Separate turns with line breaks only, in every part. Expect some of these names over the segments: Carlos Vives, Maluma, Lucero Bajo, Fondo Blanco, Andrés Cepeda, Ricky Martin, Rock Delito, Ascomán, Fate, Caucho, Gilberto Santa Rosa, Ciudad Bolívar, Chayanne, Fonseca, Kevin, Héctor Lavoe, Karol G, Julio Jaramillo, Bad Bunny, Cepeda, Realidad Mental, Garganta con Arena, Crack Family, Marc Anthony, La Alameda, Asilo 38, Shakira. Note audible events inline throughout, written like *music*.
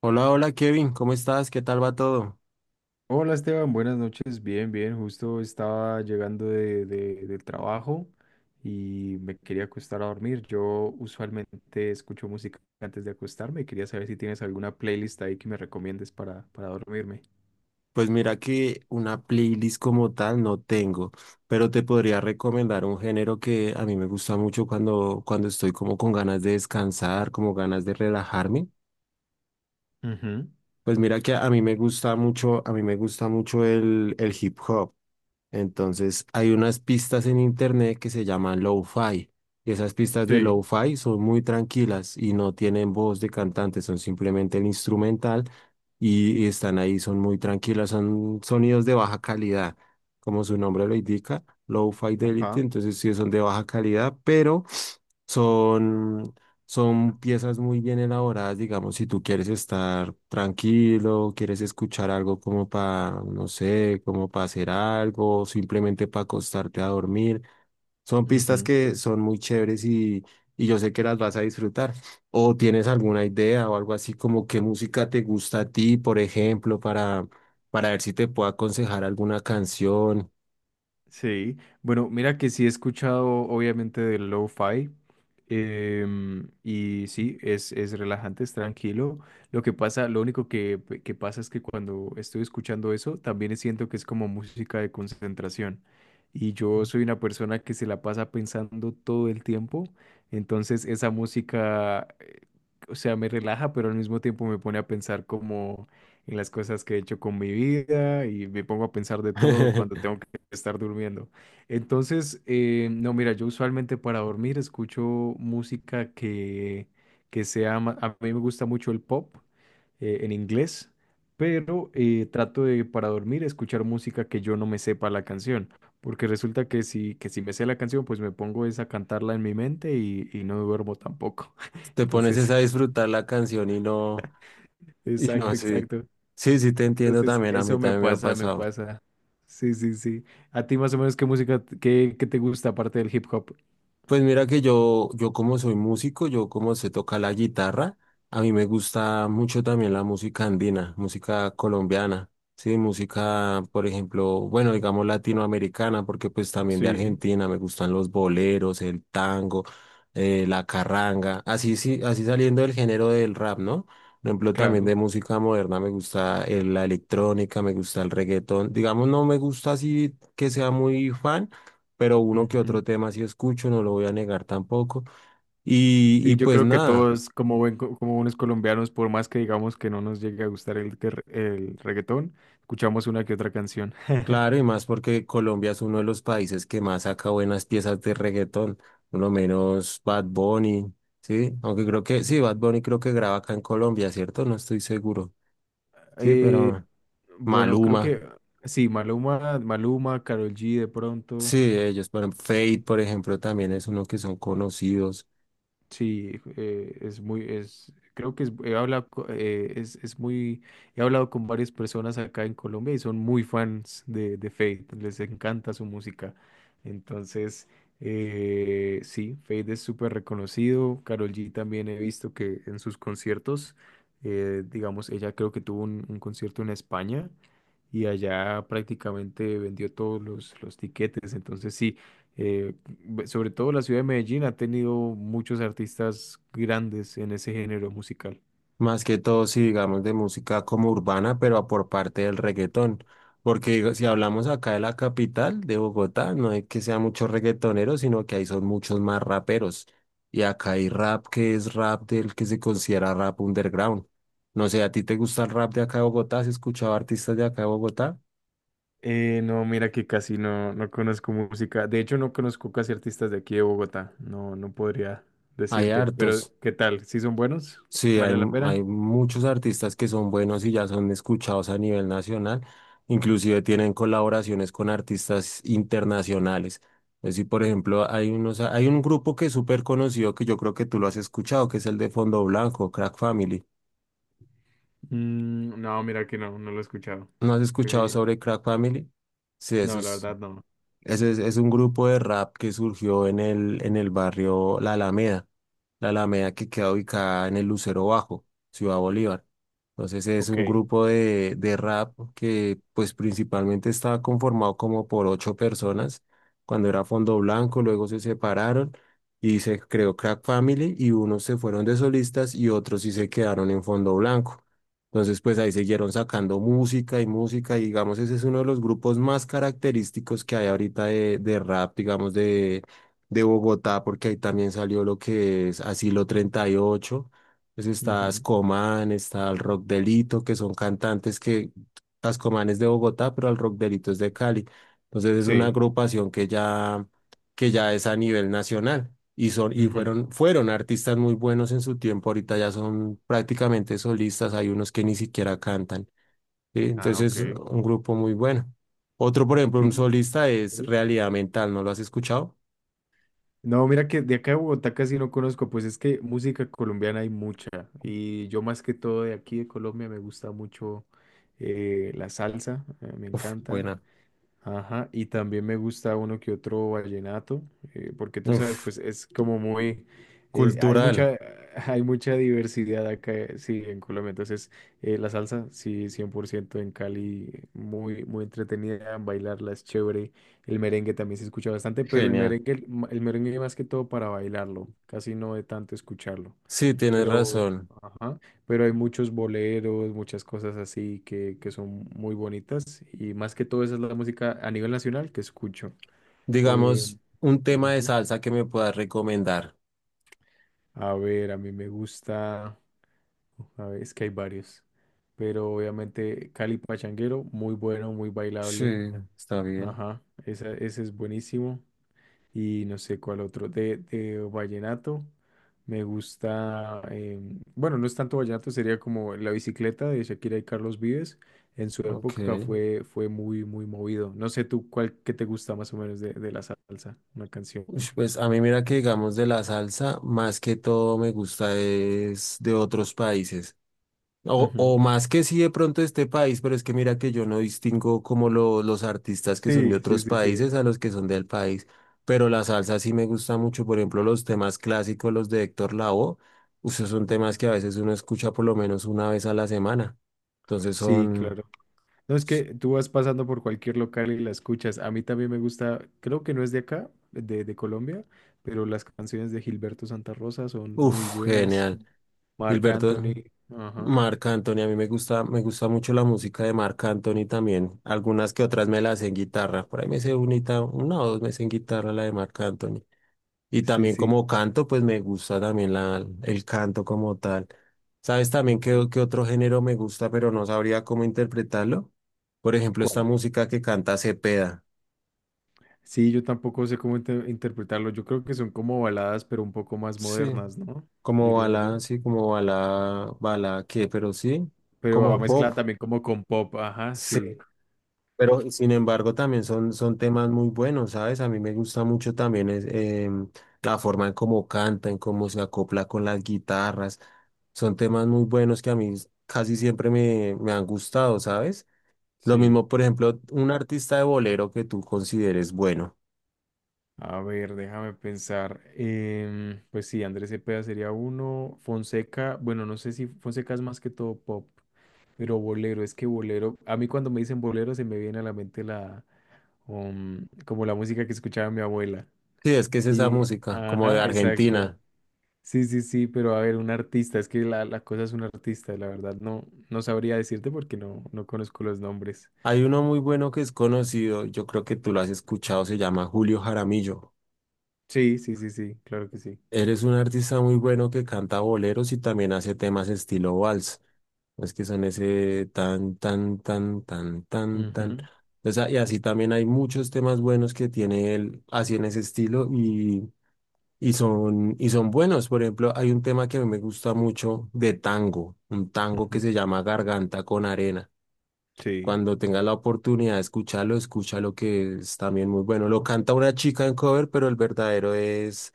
Hola, hola Kevin, ¿cómo estás? ¿Qué tal va todo?
Hola Esteban, buenas noches. Bien, bien. Justo estaba llegando del trabajo y me quería acostar a dormir. Yo usualmente escucho música antes de acostarme y quería saber si tienes alguna playlist ahí que me recomiendes para dormirme.
Pues mira que una playlist como tal no tengo, pero te podría recomendar un género que a mí me gusta mucho cuando estoy como con ganas de descansar, como ganas de relajarme.
Ujú,
Pues mira que a mí me gusta mucho, a mí me gusta mucho el hip hop. Entonces, hay unas pistas en internet que se llaman lo-fi. Y esas pistas de
sí,
lo-fi son muy tranquilas y no tienen voz de cantante, son simplemente el instrumental y están ahí, son muy tranquilas, son sonidos de baja calidad, como su nombre lo indica, low fidelity,
ajá.
entonces sí son de baja calidad, pero son son piezas muy bien elaboradas, digamos, si tú quieres estar tranquilo, quieres escuchar algo como para, no sé, como para hacer algo, simplemente para acostarte a dormir. Son pistas
Ujú.
que son muy chéveres y yo sé que las vas a disfrutar. O tienes alguna idea o algo así como qué música te gusta a ti, por ejemplo, para ver si te puedo aconsejar alguna canción.
Sí, bueno, mira que sí he escuchado obviamente del lo-fi, y sí, es relajante, es tranquilo. Lo que pasa, lo único que pasa es que cuando estoy escuchando eso, también siento que es como música de concentración. Y yo soy una persona que se la pasa pensando todo el tiempo, entonces esa música, o sea, me relaja, pero al mismo tiempo me pone a pensar como en las cosas que he hecho con mi vida y me pongo a pensar de todo cuando
*laughs*
tengo estar durmiendo. Entonces, no, mira, yo usualmente para dormir escucho música que, que sea, a mí me gusta mucho el pop, en inglés, pero trato de para dormir escuchar música que yo no me sepa la canción, porque resulta que si me sé la canción, pues me pongo es a cantarla en mi mente y no duermo tampoco. *laughs*
Te pones es
Entonces,
a disfrutar la canción y no. Y no,
exacto,
sí.
exacto.
Sí, sí, te entiendo
Entonces,
también. A mí
eso me
también me ha
pasa, me
pasado.
pasa. Sí, sí, sí. ¿A ti más o menos qué música, qué te gusta aparte del hip hop?
Pues mira que yo como soy músico, yo como sé tocar la guitarra, a mí me gusta mucho también la música andina, música colombiana, sí, música, por ejemplo, bueno, digamos latinoamericana, porque pues también de
Sí,
Argentina me gustan los boleros, el tango, la carranga, así sí, así saliendo del género del rap, ¿no? Por ejemplo, también
claro.
de música moderna me gusta la electrónica, me gusta el reggaetón, digamos no me gusta así que sea muy fan pero uno que
Ujú.
otro tema sí escucho, no lo voy a negar tampoco. Y
Sí, yo
pues
creo que
nada,
todos, como, como buenos colombianos, por más que digamos que no nos llegue a gustar el reggaetón, escuchamos una que otra canción.
claro, y
*laughs*
más porque Colombia es uno de los países que más saca buenas piezas de reggaetón, por lo menos Bad Bunny, ¿sí? Aunque creo que, sí, Bad Bunny creo que graba acá en Colombia, ¿cierto? No estoy seguro, sí,
Eh,
pero
bueno, creo
Maluma,
que sí, Maluma, Maluma, Karol G de
sí,
pronto.
ellos, pero Fate, por ejemplo, también es uno que son conocidos.
Sí, creo que he hablado, he hablado con varias personas acá en Colombia y son muy fans de Fate, les encanta su música. Entonces, sí, Fate es súper reconocido. Karol G también he visto que en sus conciertos, digamos, ella creo que tuvo un concierto en España y allá prácticamente vendió los tiquetes. Entonces, sí. Eh, Sobre todo la ciudad de Medellín ha tenido muchos artistas grandes en ese género musical.
Más que todo, si digamos de música como urbana, pero por parte del reggaetón. Porque digo, si
Ujú.
hablamos acá de la capital, de Bogotá, no es que sea muchos reggaetoneros, sino que ahí son muchos más raperos. Y acá hay rap que es rap del que se considera rap underground. No sé, ¿a ti te gusta el rap de acá de Bogotá? ¿Has escuchado artistas de acá de Bogotá?
No, mira que casi no, no conozco música. De hecho, no conozco casi artistas de aquí de Bogotá. No podría
Hay
decirte. Pero,
hartos.
¿qué tal? ¿Sí son buenos?
Sí, hay,
¿Vale la pena?
hay muchos artistas que son buenos y ya son escuchados a nivel nacional, inclusive tienen colaboraciones con artistas internacionales. Es decir, por ejemplo, hay unos, hay un grupo que es súper conocido que yo creo que tú lo has escuchado, que es el de Fondo Blanco, Crack Family.
Mm, no, mira que no, no lo he escuchado.
¿No has escuchado
Sí.
sobre Crack Family? Sí, eso
No, la
es.
verdad no.
Ese es un grupo de rap que surgió en el barrio La Alameda, La Alameda que queda ubicada en el Lucero Bajo, Ciudad Bolívar. Entonces es un
Ok.
grupo de rap que pues principalmente estaba conformado como por ocho personas. Cuando era Fondo Blanco, luego se separaron y se creó Crack Family y unos se fueron de solistas y otros sí se quedaron en Fondo Blanco. Entonces, pues ahí siguieron sacando música y música, y digamos, ese es uno de los grupos más característicos que hay ahorita de rap, digamos, de Bogotá, porque ahí también salió lo que es Asilo 38, pues está
Ujú.
Ascomán, está el Rock Delito, que son cantantes que Ascomán es de Bogotá, pero el Rock Delito es de Cali. Entonces es una
Sí.
agrupación que ya es a nivel nacional. Y, son, y
Ujú.
fueron, fueron artistas muy buenos en su tiempo, ahorita ya son prácticamente solistas, hay unos que ni siquiera cantan, ¿sí?
Ah,
Entonces,
ok.
un grupo muy bueno. Otro, por ejemplo,
Sí,
un
sí,
solista es
sí.
Realidad Mental, ¿no lo has escuchado?
No, mira que de acá de Bogotá casi no conozco, pues es que música colombiana hay mucha y yo más que todo de aquí de Colombia me gusta mucho, la salsa, me
Uf,
encanta.
buena.
Ajá, y también me gusta uno que otro vallenato, porque tú sabes,
Uf,
pues es como muy, hay
cultural,
mucha, *laughs* hay mucha diversidad acá, sí, en Colombia. Entonces, la salsa, sí, 100% en Cali, muy, muy entretenida, bailarla es chévere. El merengue también se escucha bastante, pero el
genial.
merengue, el merengue más que todo para bailarlo, casi no de tanto escucharlo.
Sí, tienes
Pero,
razón.
ajá, pero hay muchos boleros, muchas cosas así que son muy bonitas y más que todo esa es la música a nivel nacional que escucho. Eh,
Digamos, un tema de
ujú.
salsa que me puedas recomendar.
A ver, a mí me gusta, a ver, es que hay varios, pero obviamente Cali Pachanguero, muy bueno, muy
Sí,
bailable,
está bien.
ajá, ese es buenísimo. Y no sé cuál otro. De vallenato, me gusta, bueno, no es tanto vallenato, sería como la bicicleta de Shakira y Carlos Vives. En su
Ok.
época fue muy, muy movido. No sé tú cuál que te gusta más o menos de la salsa, una canción.
Ush, pues a mí mira que digamos de la salsa, más que todo me gusta es de otros países. O
Ujú.
más que sí de pronto de este país, pero es que mira que yo no distingo como los artistas que son de
Sí, sí,
otros
sí, sí.
países a los que son del país. Pero la salsa sí me gusta mucho, por ejemplo, los temas clásicos, los de Héctor Lavoe, esos son temas
Ujú.
que a veces uno escucha por lo menos una vez a la semana. Entonces
Sí,
son,
claro. No, es que tú vas pasando por cualquier local y la escuchas. A mí también me gusta, creo que no es de acá, de Colombia, pero las canciones de Gilberto Santa Rosa son muy
uff,
buenas.
genial.
Marc Anthony,
Gilberto.
ajá,
Marc Anthony, a mí me gusta mucho la música de Marc Anthony también. Algunas que otras me las sé en guitarra. Por ahí me sé unita, una o dos me sé en guitarra la de Marc Anthony. Y
sí,
también
sí.
como canto, pues me gusta también la, el canto como tal. ¿Sabes también qué,
Ujú.
qué otro género me gusta, pero no sabría cómo interpretarlo? Por ejemplo, esta
Cuan-
música que canta Cepeda.
Sí, yo tampoco sé cómo interpretarlo. Yo creo que son como baladas, pero un poco más
Sí,
modernas, ¿no? Diría yo.
sí, como bala, bala, ¿qué? Pero sí,
Pero
como
va
pop.
mezclada también como con pop, ajá,
Sí.
sí.
Pero
Sí,
sin embargo
sí.
también son, son temas muy buenos, ¿sabes? A mí me gusta mucho también es, la forma en cómo canta, en cómo se acopla con las guitarras. Son temas muy buenos que a mí casi siempre me, me han gustado, ¿sabes? Lo
Sí.
mismo, por ejemplo, un artista de bolero que tú consideres bueno.
A ver, déjame pensar. Em, pues sí, Andrés Cepeda sería uno. Fonseca, bueno, no sé si Fonseca es más que todo pop, pero bolero, es que bolero, a mí cuando me dicen bolero se me viene a la mente la, como la música que escuchaba mi abuela.
Sí, es que es esa
Y,
música, como de
ajá, exacto.
Argentina.
Sí, sí, sí, pero a ver, un artista, es que la cosa es un artista, la verdad, no, no sabría decirte porque no, no conozco los nombres.
Hay uno muy bueno que es conocido, yo creo que tú lo has escuchado, se llama Julio Jaramillo.
Sí, sí, sí, sí, claro que sí.
Eres un artista muy bueno que canta boleros y también hace temas estilo vals. Es que son ese tan, tan, tan, tan, tan, tan.
Ujú,
O sea, y así también hay muchos temas buenos que tiene él así en ese estilo y son buenos. Por ejemplo, hay un tema que a mí me gusta mucho de tango, un tango que
ujú.
se llama Garganta con Arena.
Sí,
Cuando tengas la oportunidad de escucharlo, escúchalo que es también muy bueno. Lo canta una chica en cover, pero el verdadero es...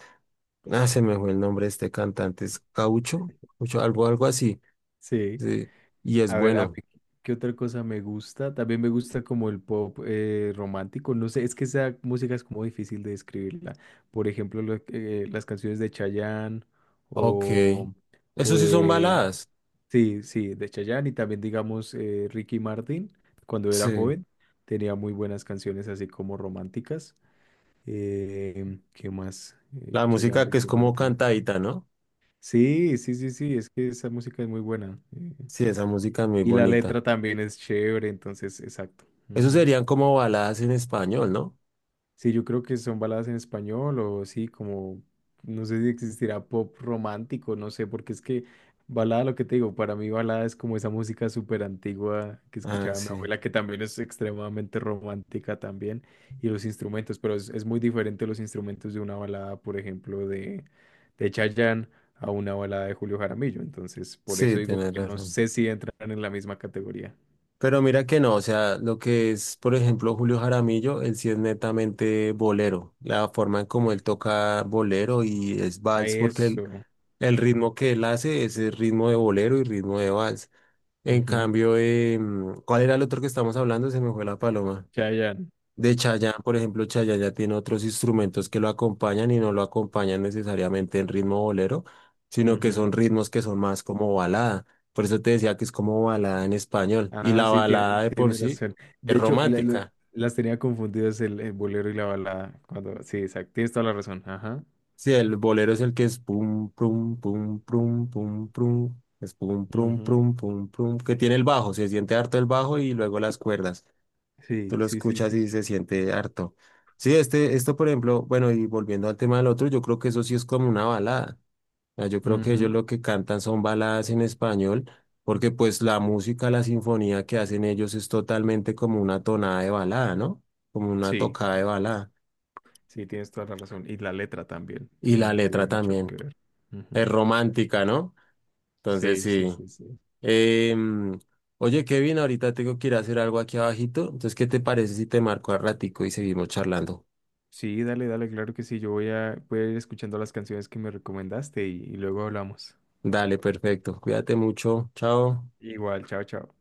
Ah, se me fue el nombre de este cantante, es Caucho, Caucho, algo, algo así.
sí.
Sí, y es
A ver, a mí,
bueno.
¿qué otra cosa me gusta? También me gusta como el pop, romántico. No sé, es que esa música es como difícil de describirla. Por ejemplo, las canciones de Chayanne
Ok.
o, o
Eso sí son
de...
baladas.
Sí, sí, de Chayanne y también, digamos, Ricky Martin, cuando era
Sí.
joven, tenía muy buenas canciones así como románticas. ¿Qué más?
La música
Chayanne,
que es
Ricky
como
Martin.
cantadita, ¿no?
Sí, sí, sí, sí, es que esa música es muy buena. Eh.
Sí, esa música es muy
Y la
bonita.
letra también es chévere, entonces, exacto.
Eso
Ujú.
serían como baladas en español, ¿no?
Sí, yo creo que son baladas en español o sí, como, no sé si existirá pop romántico, no sé, porque es que balada, lo que te digo, para mí balada es como esa música súper antigua que
Ah,
escuchaba mi
sí.
abuela, que también es extremadamente romántica también, y los instrumentos, pero es muy diferente los instrumentos de una balada, por ejemplo, de Chayanne a una balada de Julio Jaramillo, entonces por eso
Sí,
digo
tienes
que no
razón.
sé si entran en la misma categoría.
Pero mira que no, o sea, lo que es, por ejemplo, Julio Jaramillo, él sí es netamente bolero. La forma en cómo él toca bolero y es
A
vals, porque
eso.
el ritmo que él hace es el ritmo de bolero y ritmo de vals. En
Ujú.
cambio, ¿cuál era el otro que estamos hablando? Se me fue la paloma.
Chayanne.
De Chayanne, por ejemplo, Chayanne ya tiene otros instrumentos que lo acompañan y no lo acompañan necesariamente en ritmo bolero, sino que
Ujú.
son ritmos que son más como balada. Por eso te decía que es como balada en español. Y
Ah,
la
sí,
balada de por
tienes
sí
razón.
es
De hecho,
romántica.
las tenía confundidas el bolero y la balada. Cuando, sí, exacto. Tienes toda la razón. Ajá.
Sí, el bolero es el que es pum, pum, pum, pum, pum, pum, es pum, pum,
Ujú.
pum, pum, pum, que tiene el bajo, se siente harto el bajo y luego las cuerdas. Tú
Sí,
lo
sí, sí,
escuchas
sí.
y se siente harto. Sí, este, esto, por ejemplo, bueno, y volviendo al tema del otro, yo creo que eso sí es como una balada. O sea, yo creo que ellos
Ujú.
lo que cantan son baladas en español, porque pues la música, la sinfonía que hacen ellos es totalmente como una tonada de balada, ¿no? Como una
Sí,
tocada de balada.
sí, tienes toda la razón. Y la letra también
Y la
tiene, tiene
letra
mucho
también
que ver. Ujú.
es romántica, ¿no? Entonces
Sí, sí,
sí.
sí, sí.
Em, oye, Kevin, ahorita tengo que ir a hacer algo aquí abajito. Entonces, ¿qué te parece si te marco a ratico y seguimos charlando?
Sí, dale, dale, claro que sí. Voy a ir escuchando las canciones que me recomendaste y luego hablamos.
Dale, perfecto. Cuídate mucho. Chao.
Igual, chao, chao.